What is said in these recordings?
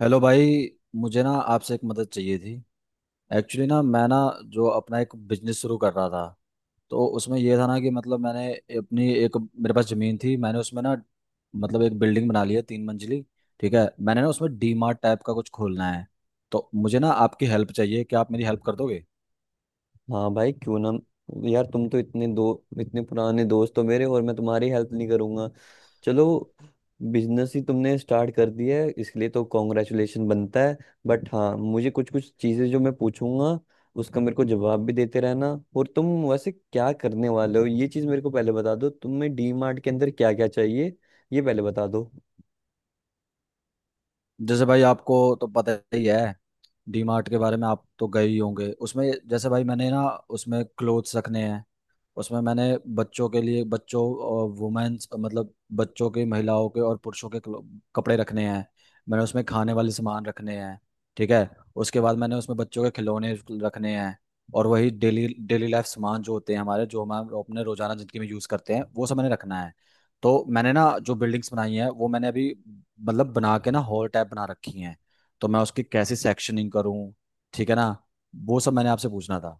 Hello भाई। मुझे ना आपसे एक मदद चाहिए थी। एक्चुअली ना मैं ना जो अपना एक बिजनेस शुरू कर रहा था, तो उसमें ये था ना कि मतलब मैंने अपनी एक मेरे पास ज़मीन थी। मैंने उसमें ना मतलब एक बिल्डिंग बना ली है, 3 मंजिली। ठीक है, मैंने ना उसमें डी मार्ट टाइप का कुछ खोलना है। तो मुझे ना आपकी हेल्प चाहिए, क्या आप मेरी हेल्प कर दोगे? हाँ भाई, क्यों ना। यार तुम तो इतने पुराने दोस्त हो मेरे, और मैं तुम्हारी हेल्प नहीं करूंगा? चलो, बिजनेस ही तुमने स्टार्ट कर दिया है इसलिए तो कॉन्ग्रेचुलेशन बनता है। बट हाँ, मुझे कुछ कुछ चीजें जो मैं पूछूंगा, उसका मेरे को जवाब भी देते रहना। और तुम वैसे क्या करने वाले हो ये चीज मेरे को पहले बता दो। तुम्हें डी मार्ट के अंदर क्या क्या चाहिए ये पहले बता दो। जैसे भाई आपको तो पता ही है डी मार्ट के बारे में, आप तो गए ही होंगे। उसमें जैसे भाई मैंने ना उसमें क्लोथ्स रखने हैं। उसमें मैंने बच्चों के लिए बच्चों और वुमेन्स मतलब बच्चों के, महिलाओं के और पुरुषों के कपड़े रखने हैं। मैंने उसमें खाने वाले सामान रखने हैं। ठीक है। उसके बाद मैंने उसमें बच्चों के खिलौने रखने हैं। और वही डेली डेली लाइफ सामान जो होते हैं हमारे, जो हम अपने रोजाना जिंदगी में यूज करते हैं वो सब मैंने रखना है। तो मैंने ना जो बिल्डिंग्स बनाई हैं वो मैंने अभी मतलब बना के ना हॉल टाइप बना रखी हैं। तो मैं उसकी कैसे सेक्शनिंग करूँ? ठीक है ना, वो सब मैंने आपसे पूछना था।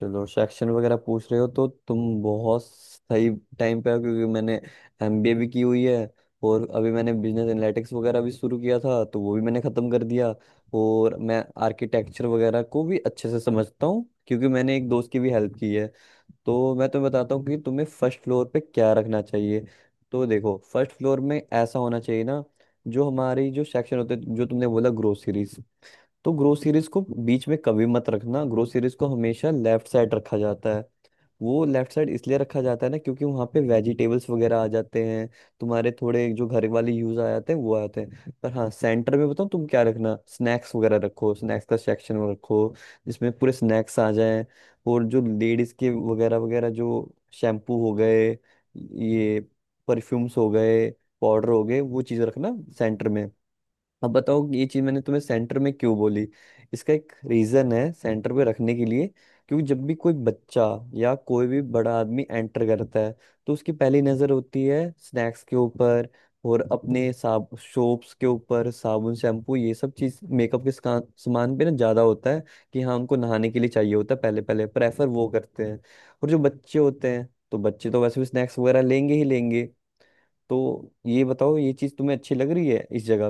चलो, सेक्शन वगैरह पूछ रहे हो तो तुम बहुत सही टाइम पे हो, क्योंकि मैंने एमबीए भी की हुई है, और अभी मैंने बिजनेस एनालिटिक्स वगैरह भी शुरू किया था तो वो भी मैंने ख़त्म कर दिया। और मैं आर्किटेक्चर वगैरह को भी अच्छे से समझता हूँ क्योंकि मैंने एक दोस्त की भी हेल्प की है। तो मैं तुम्हें बताता हूँ कि तुम्हें फर्स्ट फ्लोर पे क्या रखना चाहिए। तो देखो, फर्स्ट फ्लोर में ऐसा होना चाहिए ना, जो हमारी जो सेक्शन होते, जो तुमने बोला ग्रोसरीज, तो ग्रो सीरीज को बीच में कभी मत रखना। ग्रो सीरीज को हमेशा लेफ्ट साइड रखा जाता है। वो लेफ्ट साइड इसलिए रखा जाता है ना, क्योंकि वहाँ पे वेजिटेबल्स वगैरह आ जाते हैं, तुम्हारे थोड़े जो घर वाले यूज आ जाते हैं वो आ जाते हैं। पर हाँ, सेंटर में बताऊँ तुम क्या रखना, स्नैक्स वगैरह रखो, स्नैक्स का सेक्शन रखो, जिसमें पूरे स्नैक्स आ जाएं। और जो लेडीज के वगैरह वगैरह, जो शैम्पू हो गए, ये परफ्यूम्स हो गए, पाउडर हो गए, वो चीज़ रखना सेंटर में। अब बताओ कि ये चीज मैंने तुम्हें सेंटर में क्यों बोली। इसका एक रीजन है सेंटर पे रखने के लिए, क्योंकि जब भी कोई बच्चा या कोई भी बड़ा आदमी एंटर करता है, तो उसकी पहली नजर होती है स्नैक्स के ऊपर और अपने साब सोप्स के ऊपर, साबुन शैम्पू ये सब चीज मेकअप के सामान पे ना ज्यादा होता है कि हाँ, उनको नहाने के लिए चाहिए होता है, पहले पहले प्रेफर वो करते हैं। और जो बच्चे होते हैं तो बच्चे तो वैसे भी स्नैक्स वगैरह लेंगे ही लेंगे। तो ये बताओ, ये चीज तुम्हें अच्छी लग रही है इस जगह?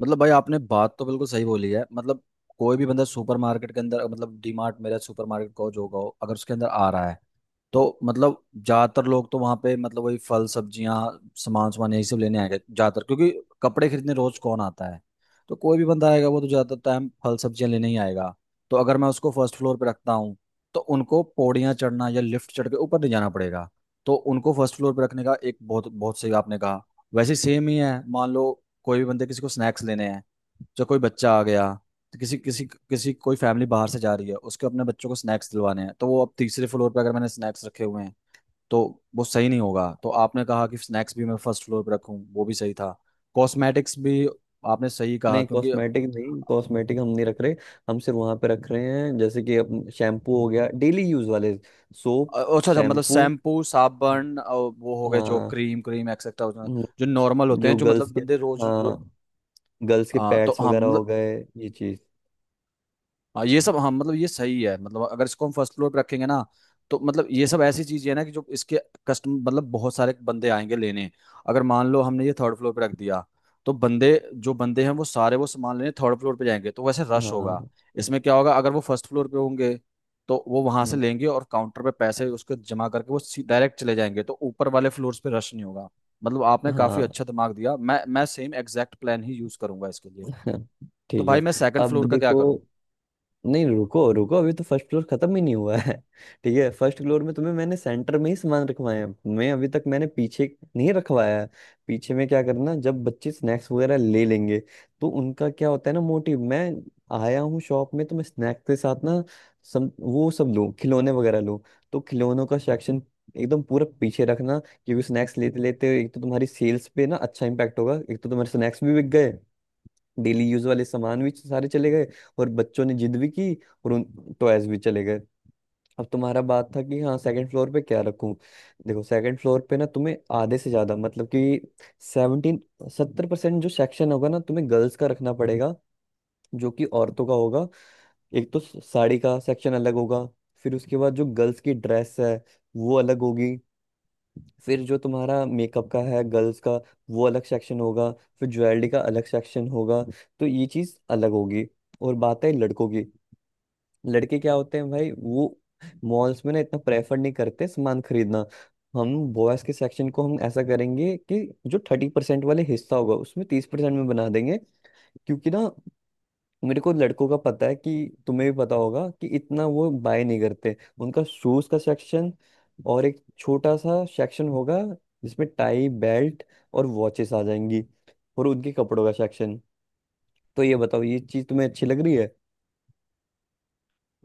मतलब भाई आपने बात तो बिल्कुल सही बोली है। मतलब कोई भी बंदा सुपरमार्केट के अंदर, मतलब डीमार्ट मेरा सुपरमार्केट कहो जो कहो, अगर उसके अंदर आ रहा है तो मतलब ज्यादातर लोग तो वहां पे मतलब वही फल सब्जियां सामान सामान यही सब लेने आएगा ज्यादातर, क्योंकि कपड़े खरीदने रोज कौन आता है? तो कोई भी बंदा आएगा वो तो ज्यादातर टाइम फल सब्जियां लेने ही आएगा। तो अगर मैं उसको फर्स्ट फ्लोर पे रखता हूँ तो उनको पौड़ियाँ चढ़ना या लिफ्ट चढ़ के ऊपर नहीं जाना पड़ेगा। तो उनको फर्स्ट फ्लोर पे रखने का एक बहुत बहुत सही आपने कहा। वैसे सेम ही है, मान लो कोई भी बंदे किसी को स्नैक्स लेने हैं, जो कोई बच्चा आ गया, तो किसी किसी किसी कोई फैमिली बाहर से जा रही है उसके अपने बच्चों को स्नैक्स दिलवाने हैं तो वो अब तीसरे फ्लोर पे अगर मैंने स्नैक्स रखे हुए हैं तो वो सही नहीं होगा। तो आपने कहा कि स्नैक्स भी मैं फर्स्ट फ्लोर पे रखूं, वो भी सही था। कॉस्मेटिक्स भी आपने सही कहा नहीं, क्योंकि कॉस्मेटिक नहीं, कॉस्मेटिक हम नहीं रख रहे। हम सिर्फ वहां पे रख रहे हैं जैसे कि अपन, शैम्पू हो गया, डेली यूज वाले सोप, अच्छा अच्छा, मतलब शैम्पू। शैम्पू साबुन, वो हो गए जो हाँ। क्रीम क्रीम एक्सेट्रा हम्म। जो नॉर्मल होते जो हैं, जो गर्ल्स मतलब के, बंदे हाँ, गर्ल्स के तो पैड्स हाँ वगैरह हो मतलब गए, ये चीज। हाँ ये सब। हाँ मतलब ये सही है, मतलब अगर इसको हम फर्स्ट फ्लोर पे रखेंगे ना तो मतलब ये सब ऐसी चीजें है ना कि जो इसके कस्टमर मतलब बहुत सारे बंदे आएंगे लेने। अगर मान लो हमने ये थर्ड फ्लोर पे रख दिया तो बंदे जो बंदे हैं वो सारे वो सामान लेने थर्ड फ्लोर पे जाएंगे तो वैसे रश होगा। हाँ। इसमें क्या होगा अगर वो फर्स्ट फ्लोर पे होंगे तो वो वहां से हम्म। लेंगे और काउंटर पे पैसे उसके जमा करके वो डायरेक्ट चले जाएंगे तो ऊपर वाले फ्लोर्स पे रश नहीं होगा। मतलब आपने काफी हाँ। अच्छा दिमाग दिया, मैं सेम एग्जैक्ट प्लान ही यूज करूंगा इसके लिए। तो ठीक है। भाई मैं सेकंड अब फ्लोर का क्या देखो, करूँ? नहीं रुको रुको, अभी तो फर्स्ट फ्लोर खत्म ही नहीं हुआ है। ठीक है, फर्स्ट फ्लोर में तुम्हें मैंने सेंटर में ही सामान रखवाए हैं, मैं अभी तक मैंने पीछे नहीं रखवाया है। पीछे में क्या करना, जब बच्चे स्नैक्स वगैरह ले लेंगे, तो उनका क्या होता है ना मोटिव, मैं आया हूँ शॉप में तो मैं स्नैक्स के साथ ना सब वो सब लूँ, खिलौने वगैरह लूँ। तो खिलौनों का सेक्शन एकदम पूरा पीछे रखना, क्योंकि स्नैक्स लेते लेते एक तो तुम्हारी सेल्स पे ना अच्छा इम्पैक्ट होगा, एक तो तुम्हारे स्नैक्स भी बिक गए, डेली यूज वाले सामान भी सारे चले गए, और बच्चों ने जिद भी की, और उन टॉयज भी चले गए। अब तुम्हारा बात था कि हाँ, सेकंड फ्लोर पे क्या रखूं। देखो, सेकंड फ्लोर पे ना तुम्हें आधे से ज्यादा मतलब कि सेवनटीन 70% जो सेक्शन होगा ना तुम्हें गर्ल्स का रखना पड़ेगा, जो कि औरतों का होगा। एक तो साड़ी का सेक्शन अलग होगा, फिर उसके बाद जो गर्ल्स की ड्रेस है वो अलग होगी, फिर जो तुम्हारा मेकअप का है गर्ल्स का वो अलग सेक्शन होगा, फिर ज्वेलरी का अलग सेक्शन होगा। तो ये चीज अलग होगी। और बात है लड़कों की। लड़के क्या होते हैं भाई वो, मॉल्स में ना इतना प्रेफर नहीं करते सामान खरीदना। हम बॉयज के सेक्शन को हम ऐसा करेंगे कि जो 30% वाले हिस्सा होगा उसमें 30% में बना देंगे, क्योंकि ना मेरे को लड़कों का पता है कि, तुम्हें भी पता होगा कि इतना वो बाय नहीं करते। उनका शूज का सेक्शन, और एक छोटा सा सेक्शन होगा जिसमें टाई, बेल्ट और वॉचेस आ जाएंगी, और उनके कपड़ों का सेक्शन। तो ये बताओ, ये चीज तुम्हें अच्छी लग रही है?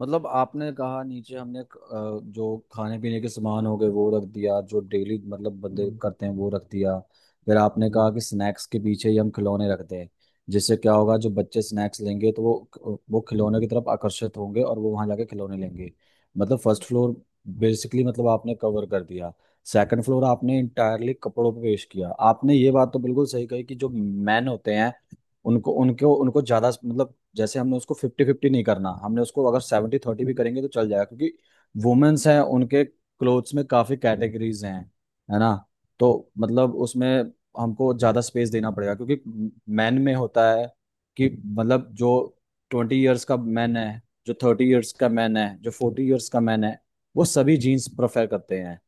मतलब आपने कहा नीचे हमने जो खाने पीने के सामान हो गए वो रख दिया, जो डेली मतलब बंदे हम्म। करते हैं वो रख दिया। फिर आपने हम्म। कहा कि स्नैक्स के पीछे ही हम खिलौने रखते हैं, जिससे क्या होगा हम्म। जो बच्चे स्नैक्स लेंगे तो वो खिलौने की तरफ आकर्षित होंगे और वो वहां जाके खिलौने लेंगे। मतलब फर्स्ट फ्लोर बेसिकली मतलब आपने कवर कर दिया। सेकंड फ्लोर आपने इंटायरली कपड़ों पे पेश किया। आपने ये बात तो बिल्कुल सही कही कि जो मैन होते हैं उनको उनको उनको ज्यादा मतलब, जैसे हमने उसको 50-50 नहीं करना, हमने उसको अगर 70-30 भी करेंगे तो चल जाएगा क्योंकि वुमेन्स हैं उनके क्लोथ्स में काफी कैटेगरीज हैं, है ना? तो मतलब उसमें हमको ज्यादा स्पेस देना पड़ेगा क्योंकि मैन में होता है कि मतलब जो 20 इयर्स का मैन है, जो 30 इयर्स का मैन है, जो 40 इयर्स का मैन है वो सभी जीन्स प्रेफर करते हैं,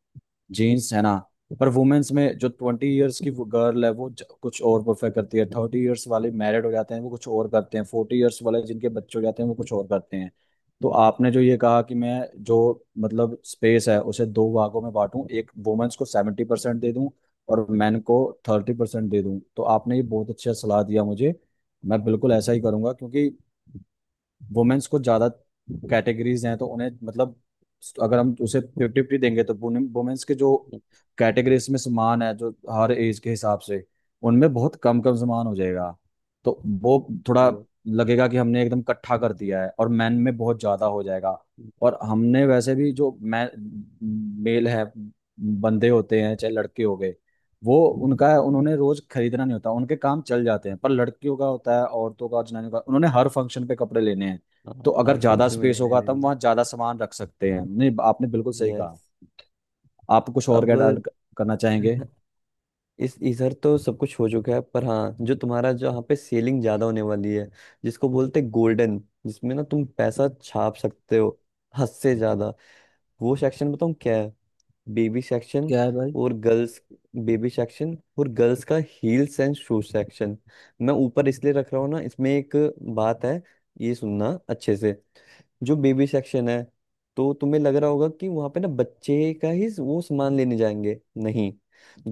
जीन्स, है ना? पर वुमेन्स में जो 20 इयर्स की गर्ल है वो कुछ और परफेक्ट करती है, 30 इयर्स वाले मैरिड हो जाते हैं वो कुछ और करते हैं, 40 इयर्स वाले जिनके बच्चे हो जाते हैं वो कुछ और करते हैं। तो आपने जो ये कहा कि मैं जो मतलब स्पेस है उसे दो भागों में बांटूं, एक वुमेन्स को 70% दे दूं और मेन को 30% दे दूं, तो आपने ये बहुत अच्छा सलाह दिया मुझे। मैं बिल्कुल ऐसा ही करूंगा क्योंकि वुमेन्स को ज्यादा कैटेगरीज हैं तो उन्हें मतलब अगर हम उसे 50-50 देंगे तो वुमेन्स के जो कैटेगरीज में सामान है जो हर एज के हिसाब से उनमें बहुत कम कम सामान हो जाएगा। तो वो थोड़ा लगती है। लगेगा कि हमने एकदम इकट्ठा कर दिया है और मैन में बहुत ज्यादा हो जाएगा। हम्म। और हमने वैसे भी जो मैं मेल है बंदे होते हैं चाहे लड़के हो गए वो हम्म। उनका है उन्होंने रोज खरीदना नहीं होता, उनके काम चल जाते हैं, पर लड़कियों का होता है, औरतों का, जनानियों का, उन्होंने हर फंक्शन पे कपड़े लेने हैं। तो हाँ, अगर हर ज्यादा फंक्शन में स्पेस लेना ही होगा तब लेना। वहां ज्यादा सामान रख सकते हैं। नहीं आपने बिल्कुल सही कहा। यस। आप कुछ और अब क्या ऐड करना चाहेंगे? इस इधर तो सब कुछ हो चुका है, पर हाँ, जो तुम्हारा जहाँ पे सेलिंग ज्यादा होने वाली है, जिसको बोलते हैं गोल्डन, जिसमें ना तुम पैसा छाप सकते हो हद से ज्यादा, वो सेक्शन बताऊँ क्या है? बेबी सेक्शन क्या है भाई? और गर्ल्स, बेबी सेक्शन और गर्ल्स का हील्स एंड शूज सेक्शन। मैं ऊपर इसलिए रख रहा हूँ ना, इसमें एक बात है, ये सुनना अच्छे से। जो बेबी सेक्शन है तो तुम्हें लग रहा होगा कि वहां पे ना बच्चे का ही वो सामान लेने जाएंगे, नहीं।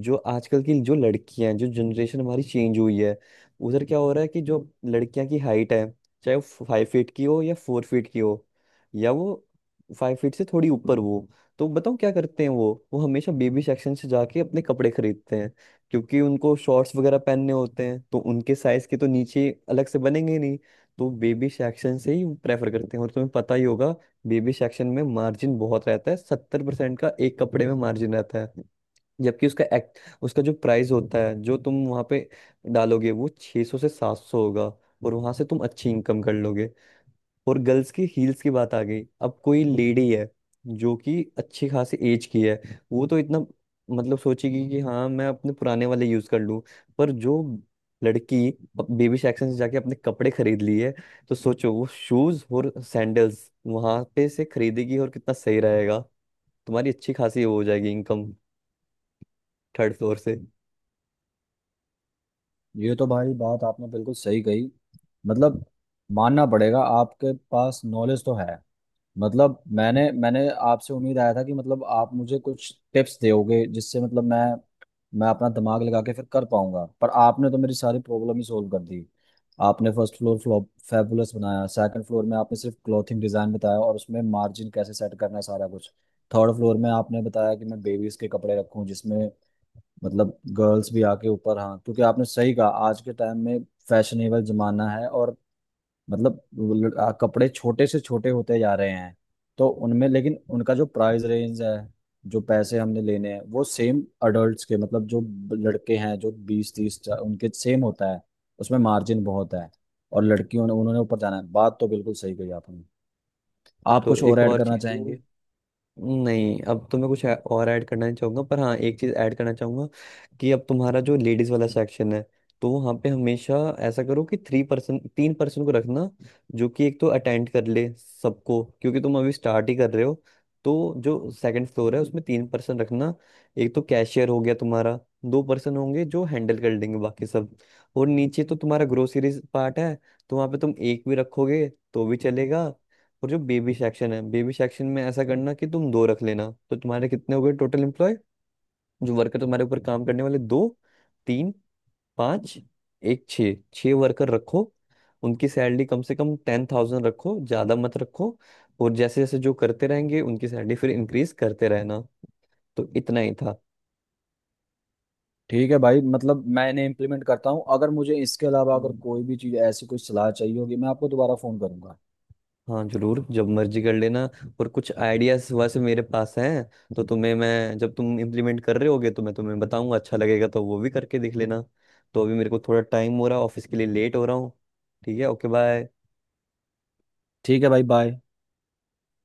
जो आजकल की जो लड़कियां हैं, जो जनरेशन हमारी चेंज हुई है, उधर क्या हो रहा है कि जो लड़कियां की हाइट है, चाहे वो फाइव फीट की हो या फोर फीट की हो या वो फाइव फीट से थोड़ी ऊपर हो, तो बताओ क्या करते हैं वो हमेशा बेबी सेक्शन से जाके अपने कपड़े खरीदते हैं। क्योंकि उनको शॉर्ट्स वगैरह पहनने होते हैं तो उनके साइज के तो नीचे अलग से बनेंगे नहीं, तो बेबी सेक्शन से ही प्रेफर करते हैं। और तुम्हें पता ही होगा, बेबी सेक्शन में मार्जिन बहुत रहता है, सत्तर परसेंट का एक कपड़े में मार्जिन रहता है। जबकि उसका एक्ट, उसका जो प्राइस होता है जो तुम वहां पे डालोगे वो 600 से 700 होगा, और वहां से तुम अच्छी इनकम कर लोगे। और गर्ल्स की हील्स की बात आ गई, अब कोई लेडी है जो कि अच्छी खासी एज की है, वो तो इतना मतलब सोचेगी कि हाँ, मैं अपने पुराने वाले यूज कर लूँ। पर जो लड़की बेबी सेक्शन से जाके अपने कपड़े खरीद लिए, तो सोचो वो शूज और सैंडल्स वहां पे से खरीदेगी, और कितना सही रहेगा, तुम्हारी अच्छी खासी वो हो जाएगी इनकम, थर्ड फ्लोर से। ये तो भाई बात आपने बिल्कुल सही कही। मतलब मानना पड़ेगा आपके पास नॉलेज तो है। मतलब मैंने मैंने आपसे उम्मीद आया था कि मतलब आप मुझे कुछ टिप्स दोगे जिससे मतलब मैं अपना दिमाग लगा के फिर कर पाऊंगा, पर आपने तो मेरी सारी प्रॉब्लम ही सोल्व कर दी। आपने फर्स्ट फ्लोर फ्लॉप फैबुलस बनाया, सेकंड फ्लोर में आपने सिर्फ क्लॉथिंग डिजाइन बताया और उसमें मार्जिन कैसे सेट करना है सारा कुछ, थर्ड फ्लोर में आपने बताया कि मैं बेबीज के कपड़े रखूं जिसमें मतलब गर्ल्स भी आके ऊपर। हाँ क्योंकि आपने सही कहा आज के टाइम में फैशनेबल जमाना है और मतलब कपड़े छोटे से छोटे होते जा रहे हैं तो उनमें लेकिन उनका जो प्राइस रेंज है जो पैसे हमने लेने हैं वो सेम अडल्ट्स के, मतलब जो लड़के हैं जो 20-30 उनके सेम होता है, उसमें मार्जिन बहुत है। और लड़कियों ने उन्होंने ऊपर जाना है, बात तो बिल्कुल सही कही आपने। आप तो कुछ और एक ऐड और करना चीज, चाहेंगे? नहीं अब तो मैं कुछ और ऐड करना नहीं चाहूंगा, पर हाँ एक चीज ऐड करना चाहूंगा। कि अब तुम्हारा जो लेडीज वाला सेक्शन है, तो वहाँ पे हमेशा ऐसा करो कि थ्री पर्सन तीन पर्सन को रखना, जो कि एक तो अटेंड कर ले सबको, क्योंकि तुम अभी स्टार्ट ही कर रहे हो। तो जो सेकंड फ्लोर है उसमें तीन पर्सन रखना, एक तो कैशियर हो गया तुम्हारा, दो पर्सन होंगे जो हैंडल कर लेंगे बाकी सब। और नीचे तो तुम्हारा ग्रोसरीज पार्ट है, तो वहाँ पे तुम एक भी रखोगे तो भी चलेगा। और जो बेबी सेक्शन है, बेबी सेक्शन में ऐसा करना कि तुम दो रख लेना। तो तुम्हारे कितने हो गए टोटल एम्प्लॉय, जो वर्कर तुम्हारे ऊपर काम करने वाले, दो, तीन, पाँच, एक, छः, छः वर्कर रखो। उनकी सैलरी कम से कम 10,000 रखो, ज़्यादा मत रखो। और जैसे जैसे जो करते रहेंगे उनकी सैलरी फिर इंक्रीज करते रहना। तो इतना ही था। ठीक है भाई, मतलब मैंने इम्प्लीमेंट करता हूँ। अगर मुझे इसके अलावा अगर कोई भी चीज़ ऐसी कोई सलाह चाहिए होगी मैं आपको दोबारा फ़ोन करूंगा। हाँ जरूर, जब मर्जी कर लेना। और कुछ आइडियाज वैसे मेरे पास हैं तो तुम्हें मैं, जब तुम इम्प्लीमेंट कर रहे होगे तो मैं तुम्हें बताऊंगा, अच्छा लगेगा तो वो भी करके देख लेना। तो अभी मेरे को थोड़ा टाइम हो रहा है, ऑफिस के लिए लेट हो रहा हूँ। ठीक है, ओके, बाय। ठीक है भाई, बाय।